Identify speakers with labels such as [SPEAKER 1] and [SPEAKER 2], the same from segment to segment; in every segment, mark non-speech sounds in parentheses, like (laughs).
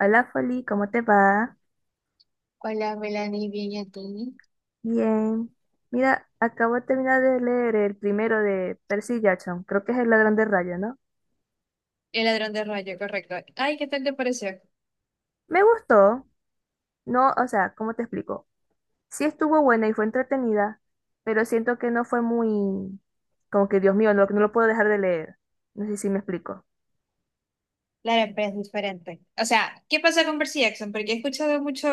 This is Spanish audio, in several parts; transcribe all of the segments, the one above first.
[SPEAKER 1] Hola Foli, ¿cómo te va?
[SPEAKER 2] Hola, Melanie, bien, ¿y a ti?
[SPEAKER 1] Bien. Mira, acabo de terminar de leer el primero de Percy Jackson, creo que es El ladrón de rayos, ¿no?
[SPEAKER 2] El ladrón de rayo, correcto. Ay, ¿qué tal te pareció?
[SPEAKER 1] Me gustó, no, o sea, ¿cómo te explico? Sí estuvo buena y fue entretenida, pero siento que no fue muy, como que Dios mío, no lo puedo dejar de leer. No sé si me explico.
[SPEAKER 2] Claro, pero es diferente. O sea, ¿qué pasa con Percy Jackson? Porque he escuchado mucho,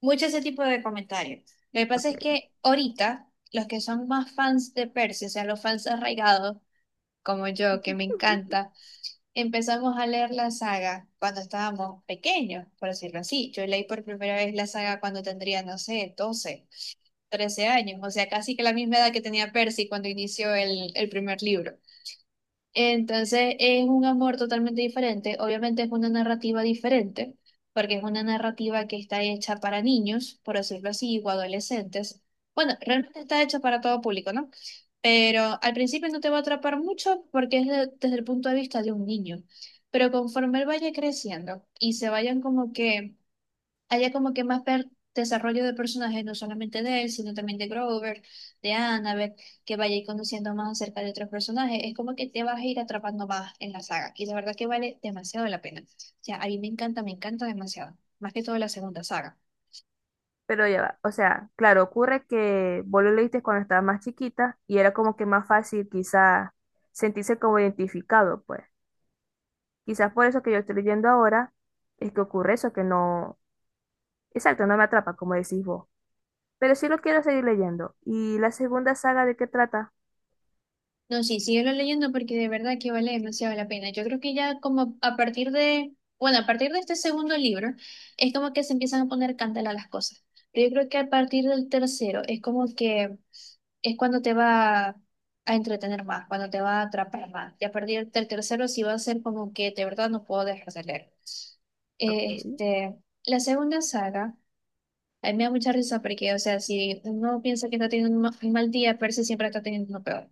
[SPEAKER 2] mucho ese tipo de comentarios. Lo que pasa es
[SPEAKER 1] Ok.
[SPEAKER 2] que ahorita, los que son más fans de Percy, o sea, los fans arraigados, como yo, que me encanta, empezamos a leer la saga cuando estábamos pequeños, por decirlo así. Yo leí por primera vez la saga cuando tendría, no sé, 12. 13 años, o sea, casi que la misma edad que tenía Percy cuando inició el primer libro. Entonces es un amor totalmente diferente, obviamente es una narrativa diferente, porque es una narrativa que está hecha para niños, por decirlo así, o adolescentes. Bueno, realmente está hecha para todo público, ¿no? Pero al principio no te va a atrapar mucho porque desde el punto de vista de un niño. Pero conforme él vaya creciendo y se vayan como que haya como que desarrollo de personajes, no solamente de él, sino también de Grover, de Annabeth, que vaya a ir conociendo más acerca de otros personajes. Es como que te vas a ir atrapando más en la saga y la verdad que vale demasiado la pena. O sea, a mí me encanta demasiado. Más que todo la segunda saga.
[SPEAKER 1] Pero ya va, o sea, claro, ocurre que vos lo leíste cuando estaba más chiquita y era como que más fácil quizá sentirse como identificado, pues. Quizás por eso que yo estoy leyendo ahora es que ocurre eso, que no, exacto, no me atrapa, como decís vos. Pero sí lo quiero seguir leyendo. ¿Y la segunda saga de qué trata?
[SPEAKER 2] No, sí, síguelo leyendo porque de verdad que vale demasiado la pena. Yo creo que ya como a partir de, bueno, a partir de este segundo libro, es como que se empiezan a poner candela las cosas. Pero yo creo que a partir del tercero es como que es cuando te va a entretener más, cuando te va a atrapar más. Y a partir del tercero sí va a ser como que de verdad no puedo dejar de leer. Eh,
[SPEAKER 1] Ok.
[SPEAKER 2] Este, la segunda saga, a mí me da mucha risa porque, o sea, si uno piensa que está teniendo un mal día, parece siempre está teniendo uno peor.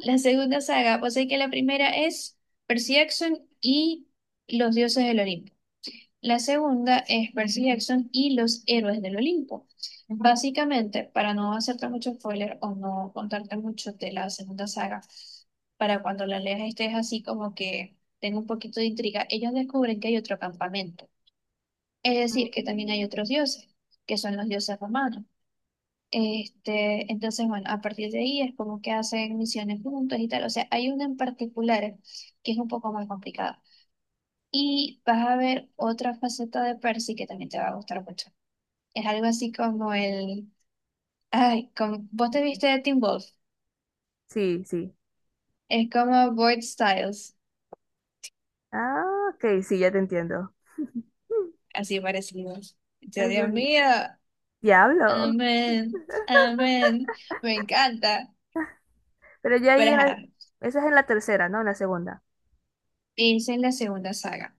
[SPEAKER 2] La segunda saga, pues sé que la primera es Percy Jackson y los dioses del Olimpo. La segunda es Percy Jackson y los héroes del Olimpo. Básicamente, para no hacerte mucho spoiler o no contarte mucho de la segunda saga, para cuando la leas estés así como que tenga un poquito de intriga, ellos descubren que hay otro campamento. Es decir, que también hay
[SPEAKER 1] Mm.
[SPEAKER 2] otros dioses, que son los dioses romanos. Entonces, bueno, a partir de ahí es como que hacen misiones juntos y tal. O sea, hay una en particular que es un poco más complicada. Y vas a ver otra faceta de Percy que también te va a gustar mucho. Es algo así como el... Ay, como, vos te viste de Teen Wolf.
[SPEAKER 1] Sí, sí.
[SPEAKER 2] Es como Boyd Styles,
[SPEAKER 1] Ah, ok, sí, ya te entiendo. (laughs) Mm.
[SPEAKER 2] así parecido. Yo,
[SPEAKER 1] Ay, Dios
[SPEAKER 2] Dios
[SPEAKER 1] mío.
[SPEAKER 2] mío,
[SPEAKER 1] Diablo.
[SPEAKER 2] amén, amén. Me encanta.
[SPEAKER 1] Pero ya ahí,
[SPEAKER 2] Pero ajá,
[SPEAKER 1] esa es en la tercera, ¿no? En la segunda.
[SPEAKER 2] esa es la segunda saga.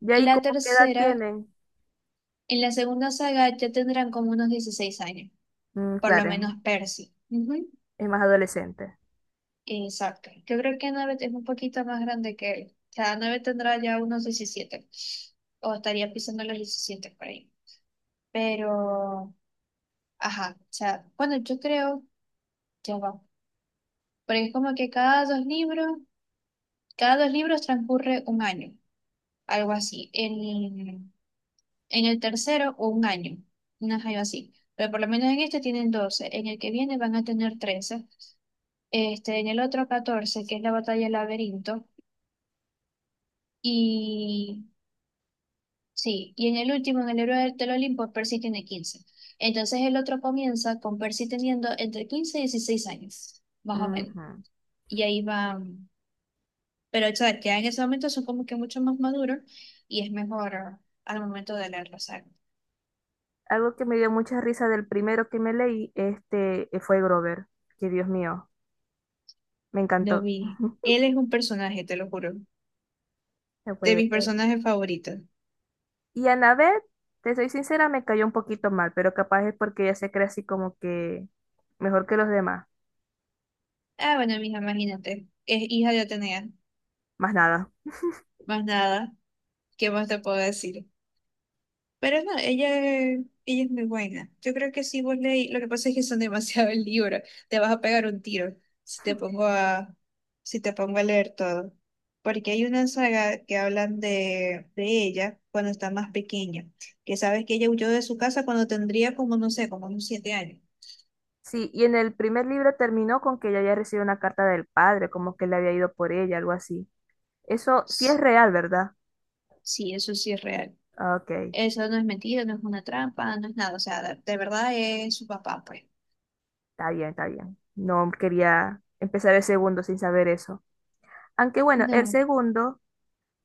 [SPEAKER 1] Ya ahí,
[SPEAKER 2] La
[SPEAKER 1] ¿cómo qué edad
[SPEAKER 2] tercera...
[SPEAKER 1] tienen?
[SPEAKER 2] En la segunda saga ya tendrán como unos 16 años,
[SPEAKER 1] Mm,
[SPEAKER 2] por lo
[SPEAKER 1] claro,
[SPEAKER 2] menos Percy. Ujú.
[SPEAKER 1] es más adolescente.
[SPEAKER 2] Exacto. Yo creo que Annabeth es un poquito más grande que él. O sea, Annabeth tendrá ya unos 17 o estaría pisando los 17 por ahí. Pero, ajá, o sea, bueno, yo creo, ya va. Porque es como que cada dos libros transcurre un año, algo así. En el tercero, un año, una algo así. Pero por lo menos en este tienen 12. En el que viene van a tener 13. En el otro 14 que es la batalla del laberinto, y sí, y en el último, en el héroe del Olimpo, Percy tiene 15. Entonces el otro comienza con Percy teniendo entre 15 y 16 años, más o menos.
[SPEAKER 1] Ujú.
[SPEAKER 2] Y ahí va, pero o sea, ya en ese momento son como que mucho más maduros y es mejor al momento de leer la saga.
[SPEAKER 1] Algo que me dio mucha risa del primero que me leí, fue Grover. Que Dios mío. Me
[SPEAKER 2] Lo
[SPEAKER 1] encantó.
[SPEAKER 2] vi.
[SPEAKER 1] (laughs)
[SPEAKER 2] Él es un personaje, te lo juro,
[SPEAKER 1] No
[SPEAKER 2] de
[SPEAKER 1] puede
[SPEAKER 2] mis
[SPEAKER 1] ser.
[SPEAKER 2] personajes favoritos.
[SPEAKER 1] Y Annabeth, te soy sincera, me cayó un poquito mal, pero capaz es porque ella se cree así como que mejor que los demás.
[SPEAKER 2] Ah, bueno, mija, imagínate, es hija de Atenea,
[SPEAKER 1] Más nada.
[SPEAKER 2] más nada, ¿qué más te puedo decir? Pero no, ella es muy buena. Yo creo que si vos leí, lo que pasa es que son (laughs) demasiados libros, te vas a pegar un tiro si te pongo a leer todo. Porque hay una saga que hablan de ella cuando está más pequeña, que sabes que ella huyó de su casa cuando tendría como, no sé, como unos 7 años.
[SPEAKER 1] Sí, y en el primer libro terminó con que ella había recibido una carta del padre, como que le había ido por ella, algo así. Eso sí es
[SPEAKER 2] S-
[SPEAKER 1] real, ¿verdad?
[SPEAKER 2] Sí, eso sí es real.
[SPEAKER 1] Ah, ok,
[SPEAKER 2] Eso no es mentira, no es una trampa, no es nada. O sea, de verdad es su papá, pues.
[SPEAKER 1] está bien, está bien. No quería empezar el segundo sin saber eso. Aunque bueno, el
[SPEAKER 2] No.
[SPEAKER 1] segundo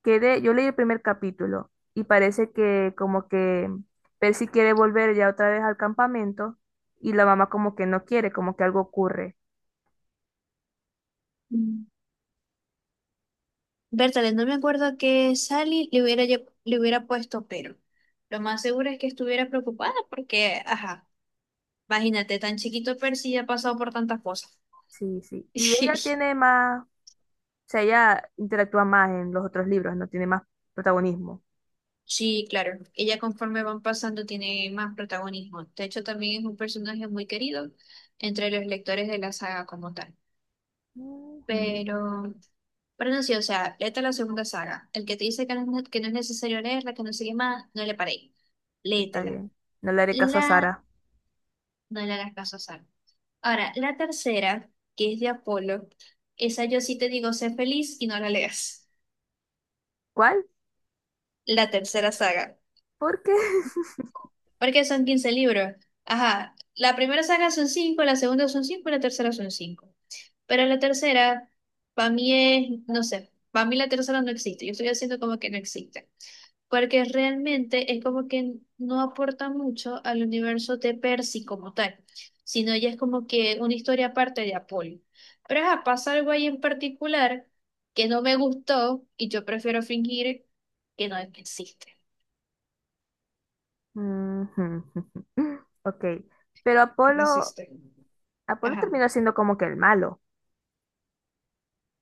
[SPEAKER 1] quedé, yo leí el primer capítulo y parece que como que Percy quiere volver ya otra vez al campamento y la mamá como que no quiere, como que algo ocurre.
[SPEAKER 2] Bertale, no me acuerdo que Sally le hubiera, le hubiera puesto pero. Lo más seguro es que estuviera preocupada porque, ajá, imagínate, tan chiquito Percy ya ha pasado por tantas cosas.
[SPEAKER 1] Sí, sí. Y ella
[SPEAKER 2] (laughs)
[SPEAKER 1] tiene más, o sea, ella interactúa más en los otros libros, no tiene más protagonismo.
[SPEAKER 2] Sí, claro, ella conforme van pasando tiene más protagonismo. De hecho, también es un personaje muy querido entre los lectores de la saga como tal.
[SPEAKER 1] Ujú.
[SPEAKER 2] Pero, pero no, sí, o sea, léete la segunda saga. El que te dice que no, que no es necesario leerla, que no sigue más, no le paréis.
[SPEAKER 1] Está
[SPEAKER 2] Léetela.
[SPEAKER 1] bien. No le haré caso a
[SPEAKER 2] La,
[SPEAKER 1] Sara.
[SPEAKER 2] no le hagas caso a Sally. Ahora, la tercera, que es de Apolo, esa yo sí te digo, sé feliz y no la leas.
[SPEAKER 1] ¿Cuál?
[SPEAKER 2] La tercera saga,
[SPEAKER 1] ¿Por qué? (laughs)
[SPEAKER 2] porque son 15 libros. Ajá, la primera saga son cinco, la segunda son 5 y la tercera son cinco. Pero la tercera, para mí es, no sé, para mí la tercera no existe. Yo estoy haciendo como que no existe. Porque realmente es como que no aporta mucho al universo de Percy como tal, sino ya es como que una historia aparte de Apolo. Pero ajá, pasa algo ahí en particular que no me gustó y yo prefiero fingir que no existe.
[SPEAKER 1] Ujú. Ok. Pero
[SPEAKER 2] Que no
[SPEAKER 1] Apolo,
[SPEAKER 2] existe.
[SPEAKER 1] Apolo
[SPEAKER 2] Ajá.
[SPEAKER 1] terminó siendo como que el malo.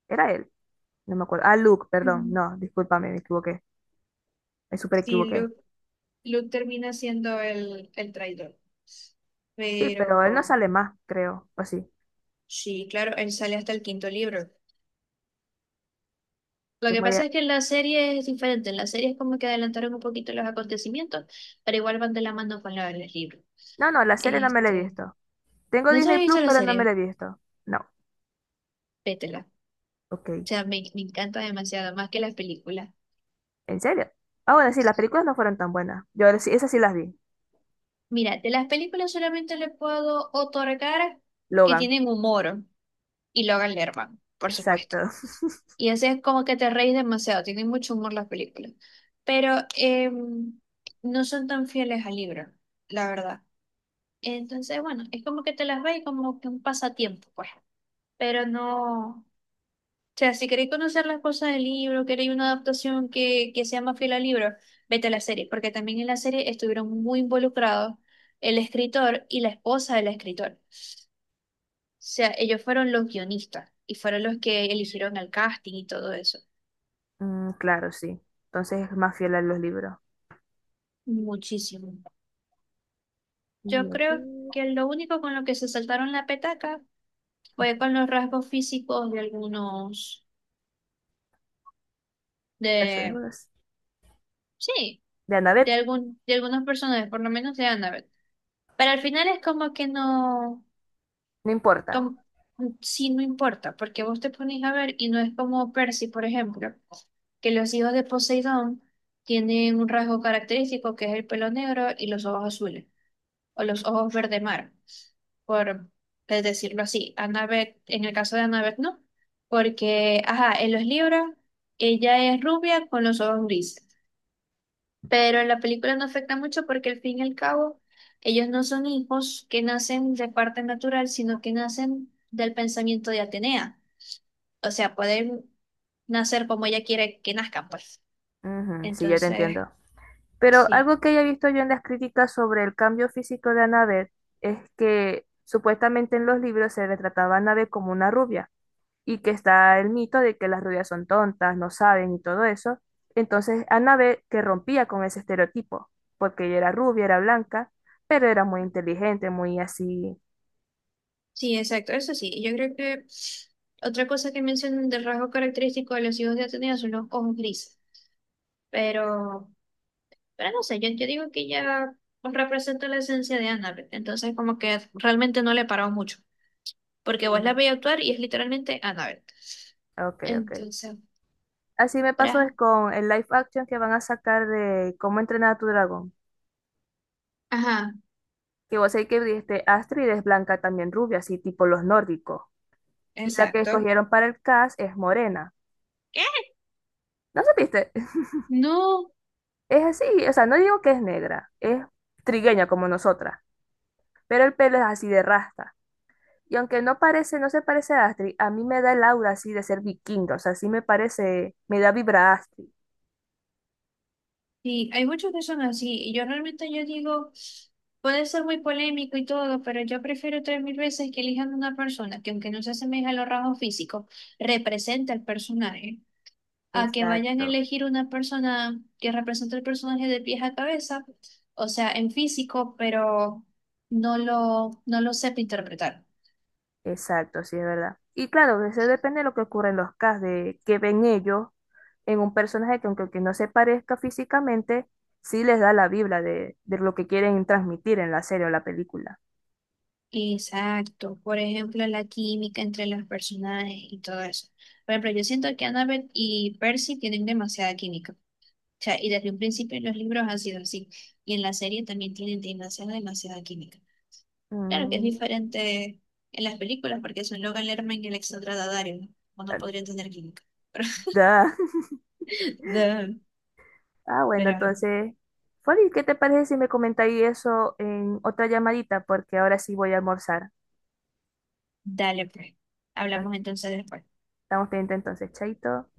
[SPEAKER 1] Era él. No me acuerdo. Ah, Luke, perdón.
[SPEAKER 2] Mm.
[SPEAKER 1] No, discúlpame, me equivoqué. Me súper
[SPEAKER 2] Sí,
[SPEAKER 1] equivoqué.
[SPEAKER 2] Luke, Luke termina siendo el traidor.
[SPEAKER 1] Sí, pero él no
[SPEAKER 2] Pero.
[SPEAKER 1] sale más, creo. O sí.
[SPEAKER 2] Sí, claro, él sale hasta el quinto libro. Lo
[SPEAKER 1] Que
[SPEAKER 2] que
[SPEAKER 1] voy
[SPEAKER 2] pasa
[SPEAKER 1] a-
[SPEAKER 2] es que en la serie es diferente. En la serie es como que adelantaron un poquito los acontecimientos, pero igual van de la mano con los libros.
[SPEAKER 1] No, no, la serie no me la he
[SPEAKER 2] Este,
[SPEAKER 1] visto. Tengo
[SPEAKER 2] ¿No te
[SPEAKER 1] Disney
[SPEAKER 2] has visto
[SPEAKER 1] Plus,
[SPEAKER 2] la
[SPEAKER 1] pero no me
[SPEAKER 2] serie?
[SPEAKER 1] la he visto. No.
[SPEAKER 2] Vétela.
[SPEAKER 1] Ok.
[SPEAKER 2] O sea, me encanta demasiado, más que las películas.
[SPEAKER 1] ¿En serio? Ah, bueno, sí, las películas no fueron tan buenas. Esas sí las vi.
[SPEAKER 2] Mira, de las películas solamente le puedo otorgar que
[SPEAKER 1] Logan.
[SPEAKER 2] tienen humor y Logan Lerman, por
[SPEAKER 1] Exacto.
[SPEAKER 2] supuesto.
[SPEAKER 1] (laughs)
[SPEAKER 2] Y así es como que te reís demasiado, tienen mucho humor las películas. Pero no son tan fieles al libro, la verdad. Entonces, bueno, es como que te las ves y como que un pasatiempo, pues. Pero no, o sea, si queréis conocer las cosas del libro, queréis una adaptación que sea más fiel al libro, vete a la serie, porque también en la serie estuvieron muy involucrados el escritor y la esposa del escritor. O sea, ellos fueron los guionistas y fueron los que eligieron el casting y todo eso.
[SPEAKER 1] Mm, claro, sí. Entonces es más fiel a los libros.
[SPEAKER 2] Muchísimo. Yo
[SPEAKER 1] Y a
[SPEAKER 2] creo
[SPEAKER 1] ver,
[SPEAKER 2] que lo único con lo que se saltaron la petaca fue con los rasgos físicos de algunos
[SPEAKER 1] ya
[SPEAKER 2] de...
[SPEAKER 1] sabemos.
[SPEAKER 2] Sí.
[SPEAKER 1] De Annabeth,
[SPEAKER 2] De algunos personajes, por lo menos de Annabeth. Pero al final es como que no,
[SPEAKER 1] no importa.
[SPEAKER 2] como, sí, no importa, porque vos te pones a ver y no es como Percy, por ejemplo, que los hijos de Poseidón tienen un rasgo característico que es el pelo negro y los ojos azules, o los ojos verde mar, por decirlo así. Annabeth, en el caso de Annabeth, no, porque, ajá, en los libros ella es rubia con los ojos grises. Pero en la película no afecta mucho porque al fin y al cabo ellos no son hijos que nacen de parte natural, sino que nacen del pensamiento de Atenea. O sea, pueden nacer como ella quiere que nazcan, pues.
[SPEAKER 1] Ujú, sí, ya te
[SPEAKER 2] Entonces,
[SPEAKER 1] entiendo. Pero
[SPEAKER 2] sí,
[SPEAKER 1] algo que haya visto yo en las críticas sobre el cambio físico de Annabeth es que supuestamente en los libros se retrataba a Annabeth como una rubia y que está el mito de que las rubias son tontas, no saben y todo eso. Entonces Annabeth que rompía con ese estereotipo, porque ella era rubia, era blanca, pero era muy inteligente, muy así.
[SPEAKER 2] sí, exacto, eso sí. Yo creo que otra cosa que mencionan del rasgo característico de los hijos de Atenea son los ojos grises. Pero, pero no sé, yo digo que ella pues, representa la esencia de Annabeth. Entonces, como que realmente no le paró mucho. Porque vos la
[SPEAKER 1] Mm.
[SPEAKER 2] veis actuar y es literalmente Annabelle.
[SPEAKER 1] Ok, ok.
[SPEAKER 2] Entonces,
[SPEAKER 1] Así me pasó
[SPEAKER 2] pra-
[SPEAKER 1] es con el live action que van a sacar de Cómo entrenar a tu dragón.
[SPEAKER 2] ajá,
[SPEAKER 1] Que vos sabés que Astrid es blanca también rubia, así tipo los nórdicos. Y la que
[SPEAKER 2] exacto.
[SPEAKER 1] escogieron para el cast es morena.
[SPEAKER 2] ¿Qué?
[SPEAKER 1] ¿No supiste? (laughs)
[SPEAKER 2] No,
[SPEAKER 1] Es así, o sea, no digo que es negra, es trigueña como nosotras, pero el pelo es así de rasta. Y aunque no parece, no se parece a Astrid, a mí me da el aura así de ser vikinga, o sea, sí me parece, me da vibra Astrid.
[SPEAKER 2] sí, hay muchos que son así. Y yo realmente yo digo, puede ser muy polémico y todo, pero yo prefiero 3.000 veces que elijan una persona que aunque no se asemeje a los rasgos físicos, representa el personaje, a que vayan a
[SPEAKER 1] Exacto,
[SPEAKER 2] elegir una persona que represente el personaje de pies a cabeza, o sea, en físico, pero no lo sepa interpretar.
[SPEAKER 1] exacto, sí, es verdad. Y claro, eso depende de lo que ocurre en los casts, de que ven ellos en un personaje que aunque que no se parezca físicamente, sí les da la vibra de lo que quieren transmitir en la serie o la película.
[SPEAKER 2] Exacto, por ejemplo, la química entre los personajes y todo eso. Por ejemplo, yo siento que Annabelle y Percy tienen demasiada química. O sea, y desde un principio en los libros ha sido así. Y en la serie también tienen demasiada, demasiada química. Claro que es
[SPEAKER 1] Mm,
[SPEAKER 2] diferente en las películas porque son Logan Lerman y el Dario, ¿no? O no
[SPEAKER 1] ah,
[SPEAKER 2] podrían tener química. (laughs)
[SPEAKER 1] da. (laughs)
[SPEAKER 2] Pero,
[SPEAKER 1] Ah, bueno,
[SPEAKER 2] pero
[SPEAKER 1] entonces, Foli, ¿qué te parece si me comentáis eso en otra llamadita? Porque ahora sí voy a almorzar.
[SPEAKER 2] dale, pues. Hablamos entonces después.
[SPEAKER 1] Estamos pendientes entonces, chaito.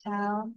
[SPEAKER 2] Chao.